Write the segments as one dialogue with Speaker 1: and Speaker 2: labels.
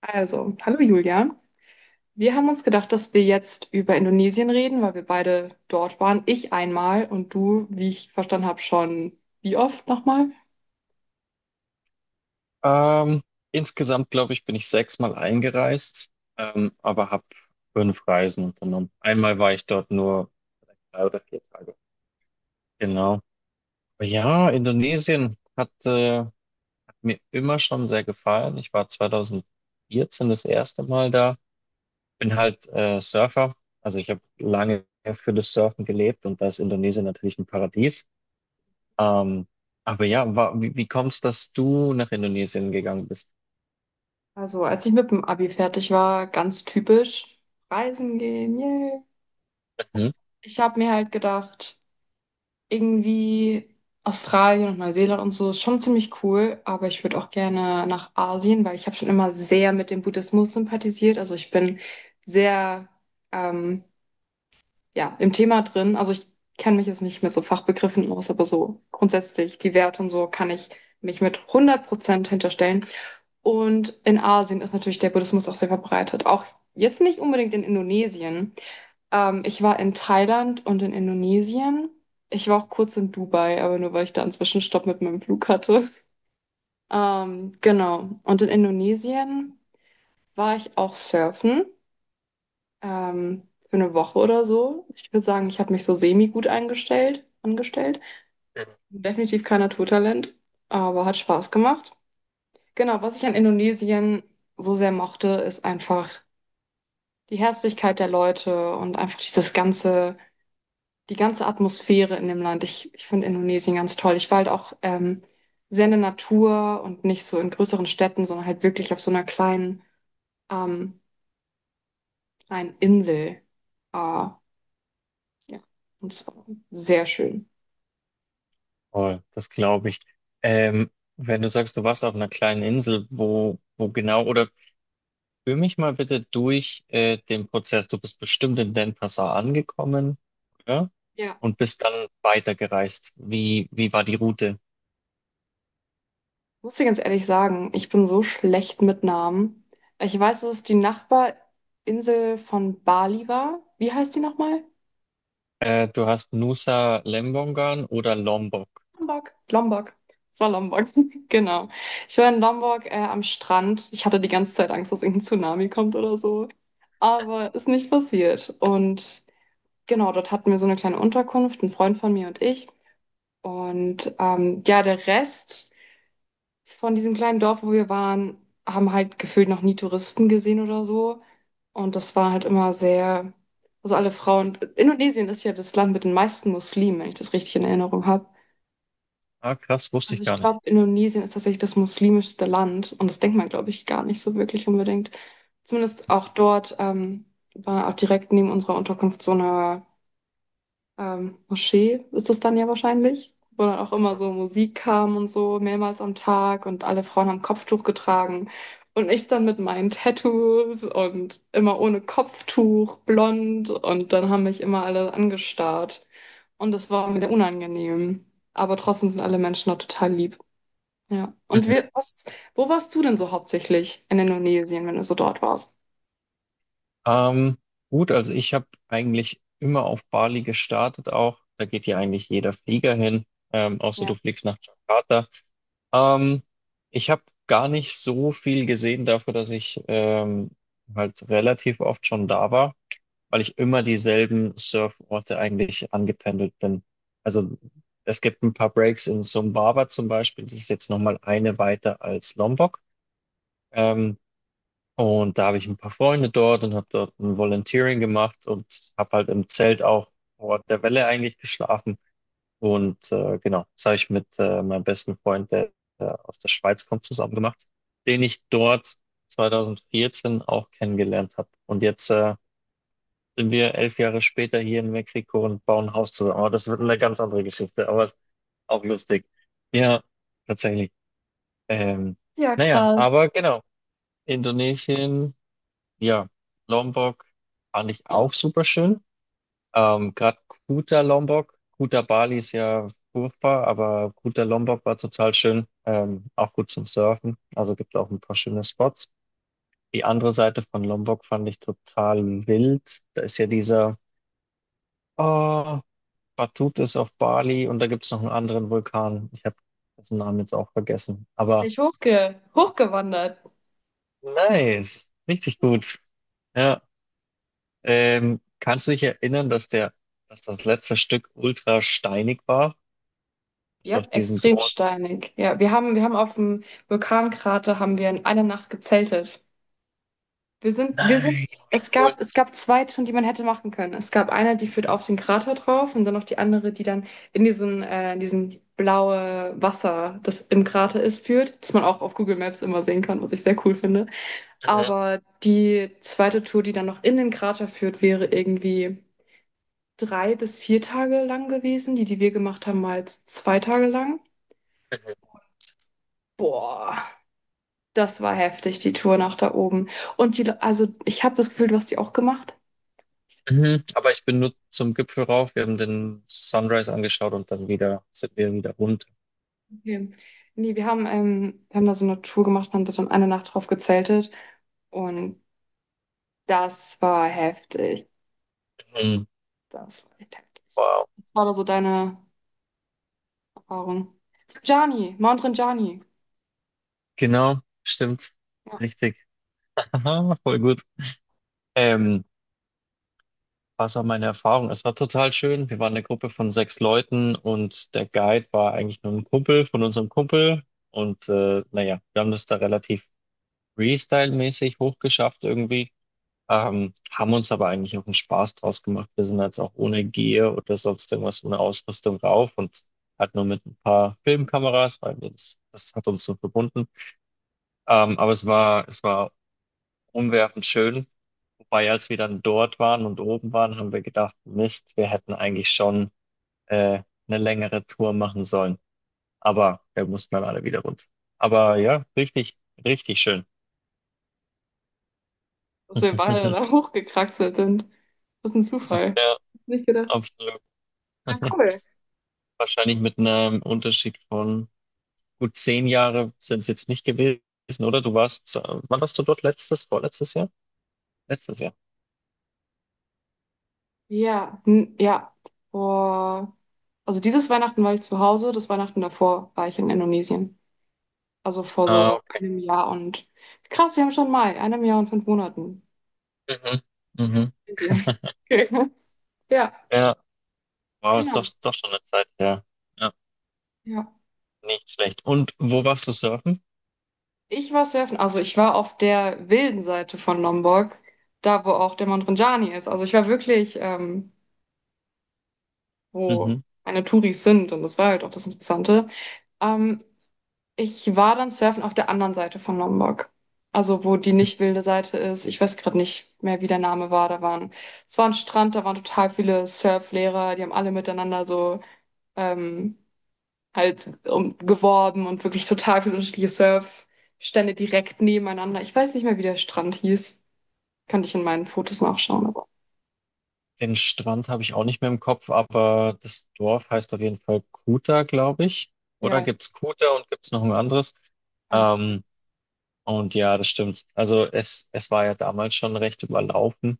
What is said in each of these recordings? Speaker 1: Also, hallo Julia. Wir haben uns gedacht, dass wir jetzt über Indonesien reden, weil wir beide dort waren. Ich einmal und du, wie ich verstanden habe, schon wie oft nochmal?
Speaker 2: Ähm, Insgesamt, glaube ich, bin ich sechsmal eingereist, aber habe fünf Reisen unternommen. Einmal war ich dort nur 3 oder 4 Tage. Genau. Ja, Indonesien hat mir immer schon sehr gefallen. Ich war 2014 das erste Mal da. Bin halt Surfer. Also ich habe lange für das Surfen gelebt und da ist Indonesien natürlich ein Paradies. Ähm, aber ja, wie kommst dass du nach Indonesien gegangen bist?
Speaker 1: Also, als ich mit dem Abi fertig war, ganz typisch, reisen gehen, yay.
Speaker 2: Mhm.
Speaker 1: Ich habe mir halt gedacht, irgendwie Australien und Neuseeland und so ist schon ziemlich cool, aber ich würde auch gerne nach Asien, weil ich habe schon immer sehr mit dem Buddhismus sympathisiert. Also, ich bin sehr, ähm, ja, im Thema drin. Also ich kenne mich jetzt nicht mit so Fachbegriffen aus, aber so grundsätzlich die Werte und so kann ich mich mit 100% hinterstellen. Und in Asien ist natürlich der Buddhismus auch sehr verbreitet. Auch jetzt nicht unbedingt in Indonesien. Ich war in Thailand und in Indonesien. Ich war auch kurz in Dubai, aber nur weil ich da einen Zwischenstopp mit meinem Flug hatte. Genau. Und in Indonesien war ich auch surfen, für eine Woche oder so. Ich würde sagen, ich habe mich so semi-gut eingestellt, angestellt. Definitiv kein Naturtalent, aber hat Spaß gemacht. Genau, was ich an Indonesien so sehr mochte, ist einfach die Herzlichkeit der Leute und einfach dieses ganze, die ganze Atmosphäre in dem Land. Ich finde Indonesien ganz toll. Ich war halt auch, sehr in der Natur und nicht so in größeren Städten, sondern halt wirklich auf so einer kleinen, ähm, kleinen Insel. Ah, ja, und es war sehr schön.
Speaker 2: Voll, das glaube ich. Ähm, Wenn du sagst, du warst auf einer kleinen Insel, wo genau, oder führ mich mal bitte durch den Prozess. Du bist bestimmt in Denpasar angekommen, oder?
Speaker 1: Ja,
Speaker 2: Und bist dann weitergereist. Wie war die Route?
Speaker 1: muss ich ganz ehrlich sagen, ich bin so schlecht mit Namen. Ich weiß, dass es die Nachbarinsel von Bali war. Wie heißt die nochmal?
Speaker 2: Du hast Nusa Lembongan oder Lombok.
Speaker 1: Lombok. Lombok. Es war Lombok, genau. Ich war in Lombok, am Strand. Ich hatte die ganze Zeit Angst, dass irgendein Tsunami kommt oder so. Aber ist nicht passiert. Und genau, dort hatten wir so eine kleine Unterkunft, ein Freund von mir und ich. Und, ja, der Rest. Von diesem kleinen Dorf, wo wir waren, haben halt gefühlt noch nie Touristen gesehen oder so. Und das war halt immer sehr, also alle Frauen. Indonesien ist ja das Land mit den meisten Muslimen, wenn ich das richtig in Erinnerung habe.
Speaker 2: Ah, krass, wusste
Speaker 1: Also
Speaker 2: ich
Speaker 1: ich
Speaker 2: gar nicht.
Speaker 1: glaube, Indonesien ist tatsächlich das muslimischste Land und das denkt man, glaube ich, gar nicht so wirklich unbedingt. Zumindest auch dort, war auch direkt neben unserer Unterkunft so eine, Moschee ist es dann ja wahrscheinlich, wo dann auch immer so Musik kam und so mehrmals am Tag und alle Frauen haben Kopftuch getragen und ich dann mit meinen Tattoos und immer ohne Kopftuch, blond und dann haben mich immer alle angestarrt und das war mir unangenehm. Aber trotzdem sind alle Menschen da total lieb. Ja. Und
Speaker 2: Mhm.
Speaker 1: wir, was, wo warst du denn so hauptsächlich in Indonesien, wenn du so dort warst?
Speaker 2: Ähm, gut, also ich habe eigentlich immer auf Bali gestartet auch. Da geht ja eigentlich jeder Flieger hin, außer du
Speaker 1: Ja.
Speaker 2: fliegst nach Jakarta. Ähm, Ich habe gar nicht so viel gesehen dafür, dass ich halt relativ oft schon da war, weil ich immer dieselben Surforte eigentlich angependelt bin. Also es gibt ein paar Breaks in Sumbawa zum Beispiel, das ist jetzt nochmal eine weiter als Lombok. Ähm, und da habe ich ein paar Freunde dort und habe dort ein Volunteering gemacht und habe halt im Zelt auch vor Ort der Welle eigentlich geschlafen. Und genau, das habe ich mit meinem besten Freund, der aus der Schweiz kommt, zusammen gemacht, den ich dort 2014 auch kennengelernt habe. Und jetzt sind wir 11 Jahre später hier in Mexiko und bauen ein Haus zusammen. Aber das wird eine ganz andere Geschichte, aber ist auch lustig. Ja, tatsächlich. Ähm,
Speaker 1: Ja,
Speaker 2: naja,
Speaker 1: krass.
Speaker 2: aber genau, Indonesien, ja, Lombok fand ich auch super schön. Gerade Kuta Lombok, Kuta Bali ist ja furchtbar, aber Kuta Lombok war total schön, auch gut zum Surfen. Also gibt auch ein paar schöne Spots. Die andere Seite von Lombok fand ich total wild. Da ist ja oh, Batut ist auf Bali und da gibt es noch einen anderen Vulkan. Ich habe dessen Namen jetzt auch vergessen.
Speaker 1: Bin
Speaker 2: Aber
Speaker 1: ich hochgewandert.
Speaker 2: nice, richtig gut. Ja, kannst du dich erinnern, dass das letzte Stück ultra steinig war? Bis
Speaker 1: Ja,
Speaker 2: auf diesen
Speaker 1: extrem
Speaker 2: großen.
Speaker 1: steinig. Ja, wir haben auf dem Vulkankrater haben wir in einer Nacht gezeltet. Wir sind, wir sind,
Speaker 2: Nein, wie
Speaker 1: es
Speaker 2: cool.
Speaker 1: gab, es gab 2 Touren, die man hätte machen können. Es gab eine, die führt auf den Krater drauf und dann noch die andere, die dann in diesen blaue Wasser, das im Krater ist, führt, das man auch auf Google Maps immer sehen kann, was ich sehr cool finde.
Speaker 2: Mhm.
Speaker 1: Aber die zweite Tour, die dann noch in den Krater führt, wäre irgendwie 3 bis 4 Tage lang gewesen. Die, die wir gemacht haben, war jetzt 2 Tage lang.
Speaker 2: Mhm.
Speaker 1: Boah. Das war heftig, die Tour nach da oben. Also ich habe das Gefühl, du hast die auch gemacht.
Speaker 2: Mhm. Aber ich bin nur zum Gipfel rauf. Wir haben den Sunrise angeschaut und dann wieder sind wir wieder runter.
Speaker 1: Okay. Nee, wir haben da so eine Tour gemacht und haben dort dann eine Nacht drauf gezeltet. Und das war heftig.
Speaker 2: Mhm.
Speaker 1: Das war echt heftig.
Speaker 2: Wow.
Speaker 1: Was war da so deine Erfahrung? Gianni, Mount Rinjani.
Speaker 2: Genau, stimmt.
Speaker 1: Ja,
Speaker 2: Richtig. Aha, voll gut. Ähm, Was war meine Erfahrung? Es war total schön. Wir waren eine Gruppe von sechs Leuten und der Guide war eigentlich nur ein Kumpel von unserem Kumpel. Und naja, wir haben das da relativ Freestyle-mäßig hochgeschafft irgendwie. Haben uns aber eigentlich auch einen Spaß draus gemacht. Wir sind jetzt auch ohne Gear oder sonst irgendwas ohne Ausrüstung rauf und halt nur mit ein paar Filmkameras, weil wir das hat uns so verbunden. Aber es war umwerfend schön. Wobei, als wir dann dort waren und oben waren, haben wir gedacht, Mist, wir hätten eigentlich schon eine längere Tour machen sollen. Aber wir mussten dann alle wieder runter. Aber ja, richtig, richtig schön.
Speaker 1: dass wir beide da hochgekraxelt sind. Das ist ein Zufall.
Speaker 2: Ja,
Speaker 1: Nicht gedacht.
Speaker 2: absolut.
Speaker 1: Ja, cool.
Speaker 2: Wahrscheinlich mit einem Unterschied von. Gut, 10 Jahre sind es jetzt nicht gewesen, oder? Wann warst du dort letztes, vorletztes Jahr? Letztes Jahr.
Speaker 1: Ja, ja. Vor, also dieses Weihnachten war ich zu Hause, das Weihnachten davor war ich in Indonesien. Also vor
Speaker 2: Ah,
Speaker 1: so
Speaker 2: okay.
Speaker 1: einem Jahr und, krass, wir haben schon Mai, einem Jahr und 5 Monaten.
Speaker 2: Mhm. Mhm.
Speaker 1: Crazy. Okay. Ja,
Speaker 2: Ja, wow, ist doch,
Speaker 1: genau.
Speaker 2: doch schon eine Zeit her. Ja,
Speaker 1: Ja.
Speaker 2: nicht schlecht. Und wo warst du surfen?
Speaker 1: Ich war surfen, also ich war auf der wilden Seite von Lombok, da wo auch der Mount Ranjani ist. Also ich war wirklich, wo
Speaker 2: Mhm.
Speaker 1: meine Touris sind und das war halt auch das Interessante. Ähm, Ich war dann surfen auf der anderen Seite von Lombok. Also wo die nicht wilde Seite ist. Ich weiß gerade nicht mehr, wie der Name war. Da waren, es war ein Strand, da waren total viele Surflehrer, die haben alle miteinander so, ähm, halt um, geworben und wirklich total viele unterschiedliche Surfstände direkt nebeneinander. Ich weiß nicht mehr, wie der Strand hieß. Kann ich in meinen Fotos nachschauen, aber
Speaker 2: Den Strand habe ich auch nicht mehr im Kopf, aber das Dorf heißt auf jeden Fall Kuta, glaube ich. Oder
Speaker 1: ja,
Speaker 2: gibt's Kuta und gibt's noch ein anderes? Ähm, und ja, das stimmt. Also es war ja damals schon recht überlaufen.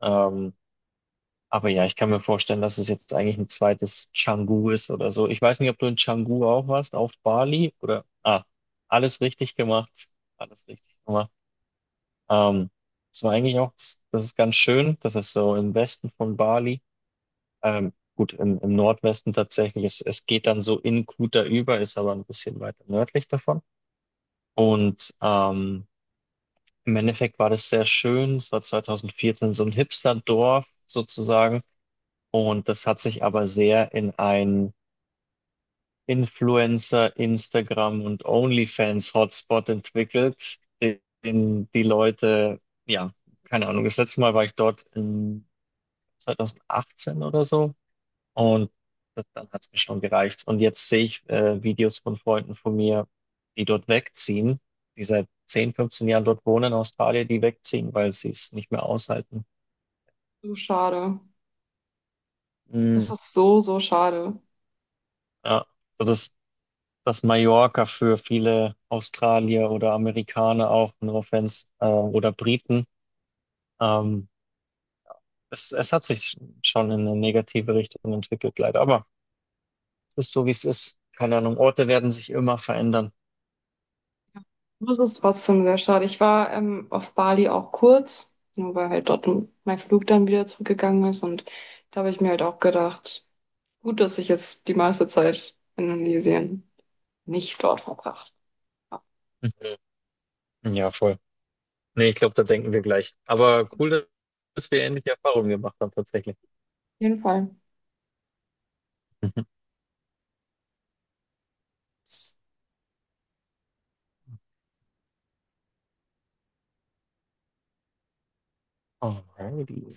Speaker 2: Ähm, Aber ja, ich kann mir vorstellen, dass es jetzt eigentlich ein zweites Canggu ist oder so. Ich weiß nicht, ob du in Canggu auch warst, auf Bali oder. Ah, alles richtig gemacht. Alles richtig gemacht. Ähm, Es war eigentlich auch, das ist ganz schön. Das ist so im Westen von Bali. Gut, im Nordwesten tatsächlich. Es geht dann so in Kuta über, ist aber ein bisschen weiter nördlich davon. Und im Endeffekt war das sehr schön. Es war 2014 so ein Hipster-Dorf sozusagen. Und das hat sich aber sehr in ein Influencer, Instagram und OnlyFans-Hotspot entwickelt, den die Leute, ja, keine Ahnung, das letzte Mal war ich dort in 2018 oder so und das, dann hat es mir schon gereicht. Und jetzt sehe ich Videos von Freunden von mir, die dort wegziehen, die seit 10, 15 Jahren dort wohnen in Australien, die wegziehen, weil sie es nicht mehr aushalten.
Speaker 1: so schade. Das
Speaker 2: Mm,
Speaker 1: ist so, so schade.
Speaker 2: ja, so das dass Mallorca für viele Australier oder Amerikaner auch, no offense, oder Briten, ähm, es hat sich schon in eine negative Richtung entwickelt, leider. Aber es ist so, wie es ist. Keine Ahnung, Orte werden sich immer verändern.
Speaker 1: Das ist trotzdem sehr schade. Ich war, auf Bali auch kurz, nur weil halt dort mein Flug dann wieder zurückgegangen ist. Und da habe ich mir halt auch gedacht, gut, dass ich jetzt die meiste Zeit in Indonesien nicht dort verbracht habe.
Speaker 2: Mhm. Ja, voll. Nee, ich glaube, da denken wir gleich. Aber cool, dass wir ähnliche Erfahrungen gemacht haben, tatsächlich.
Speaker 1: Auf jeden Fall.
Speaker 2: Alrighty.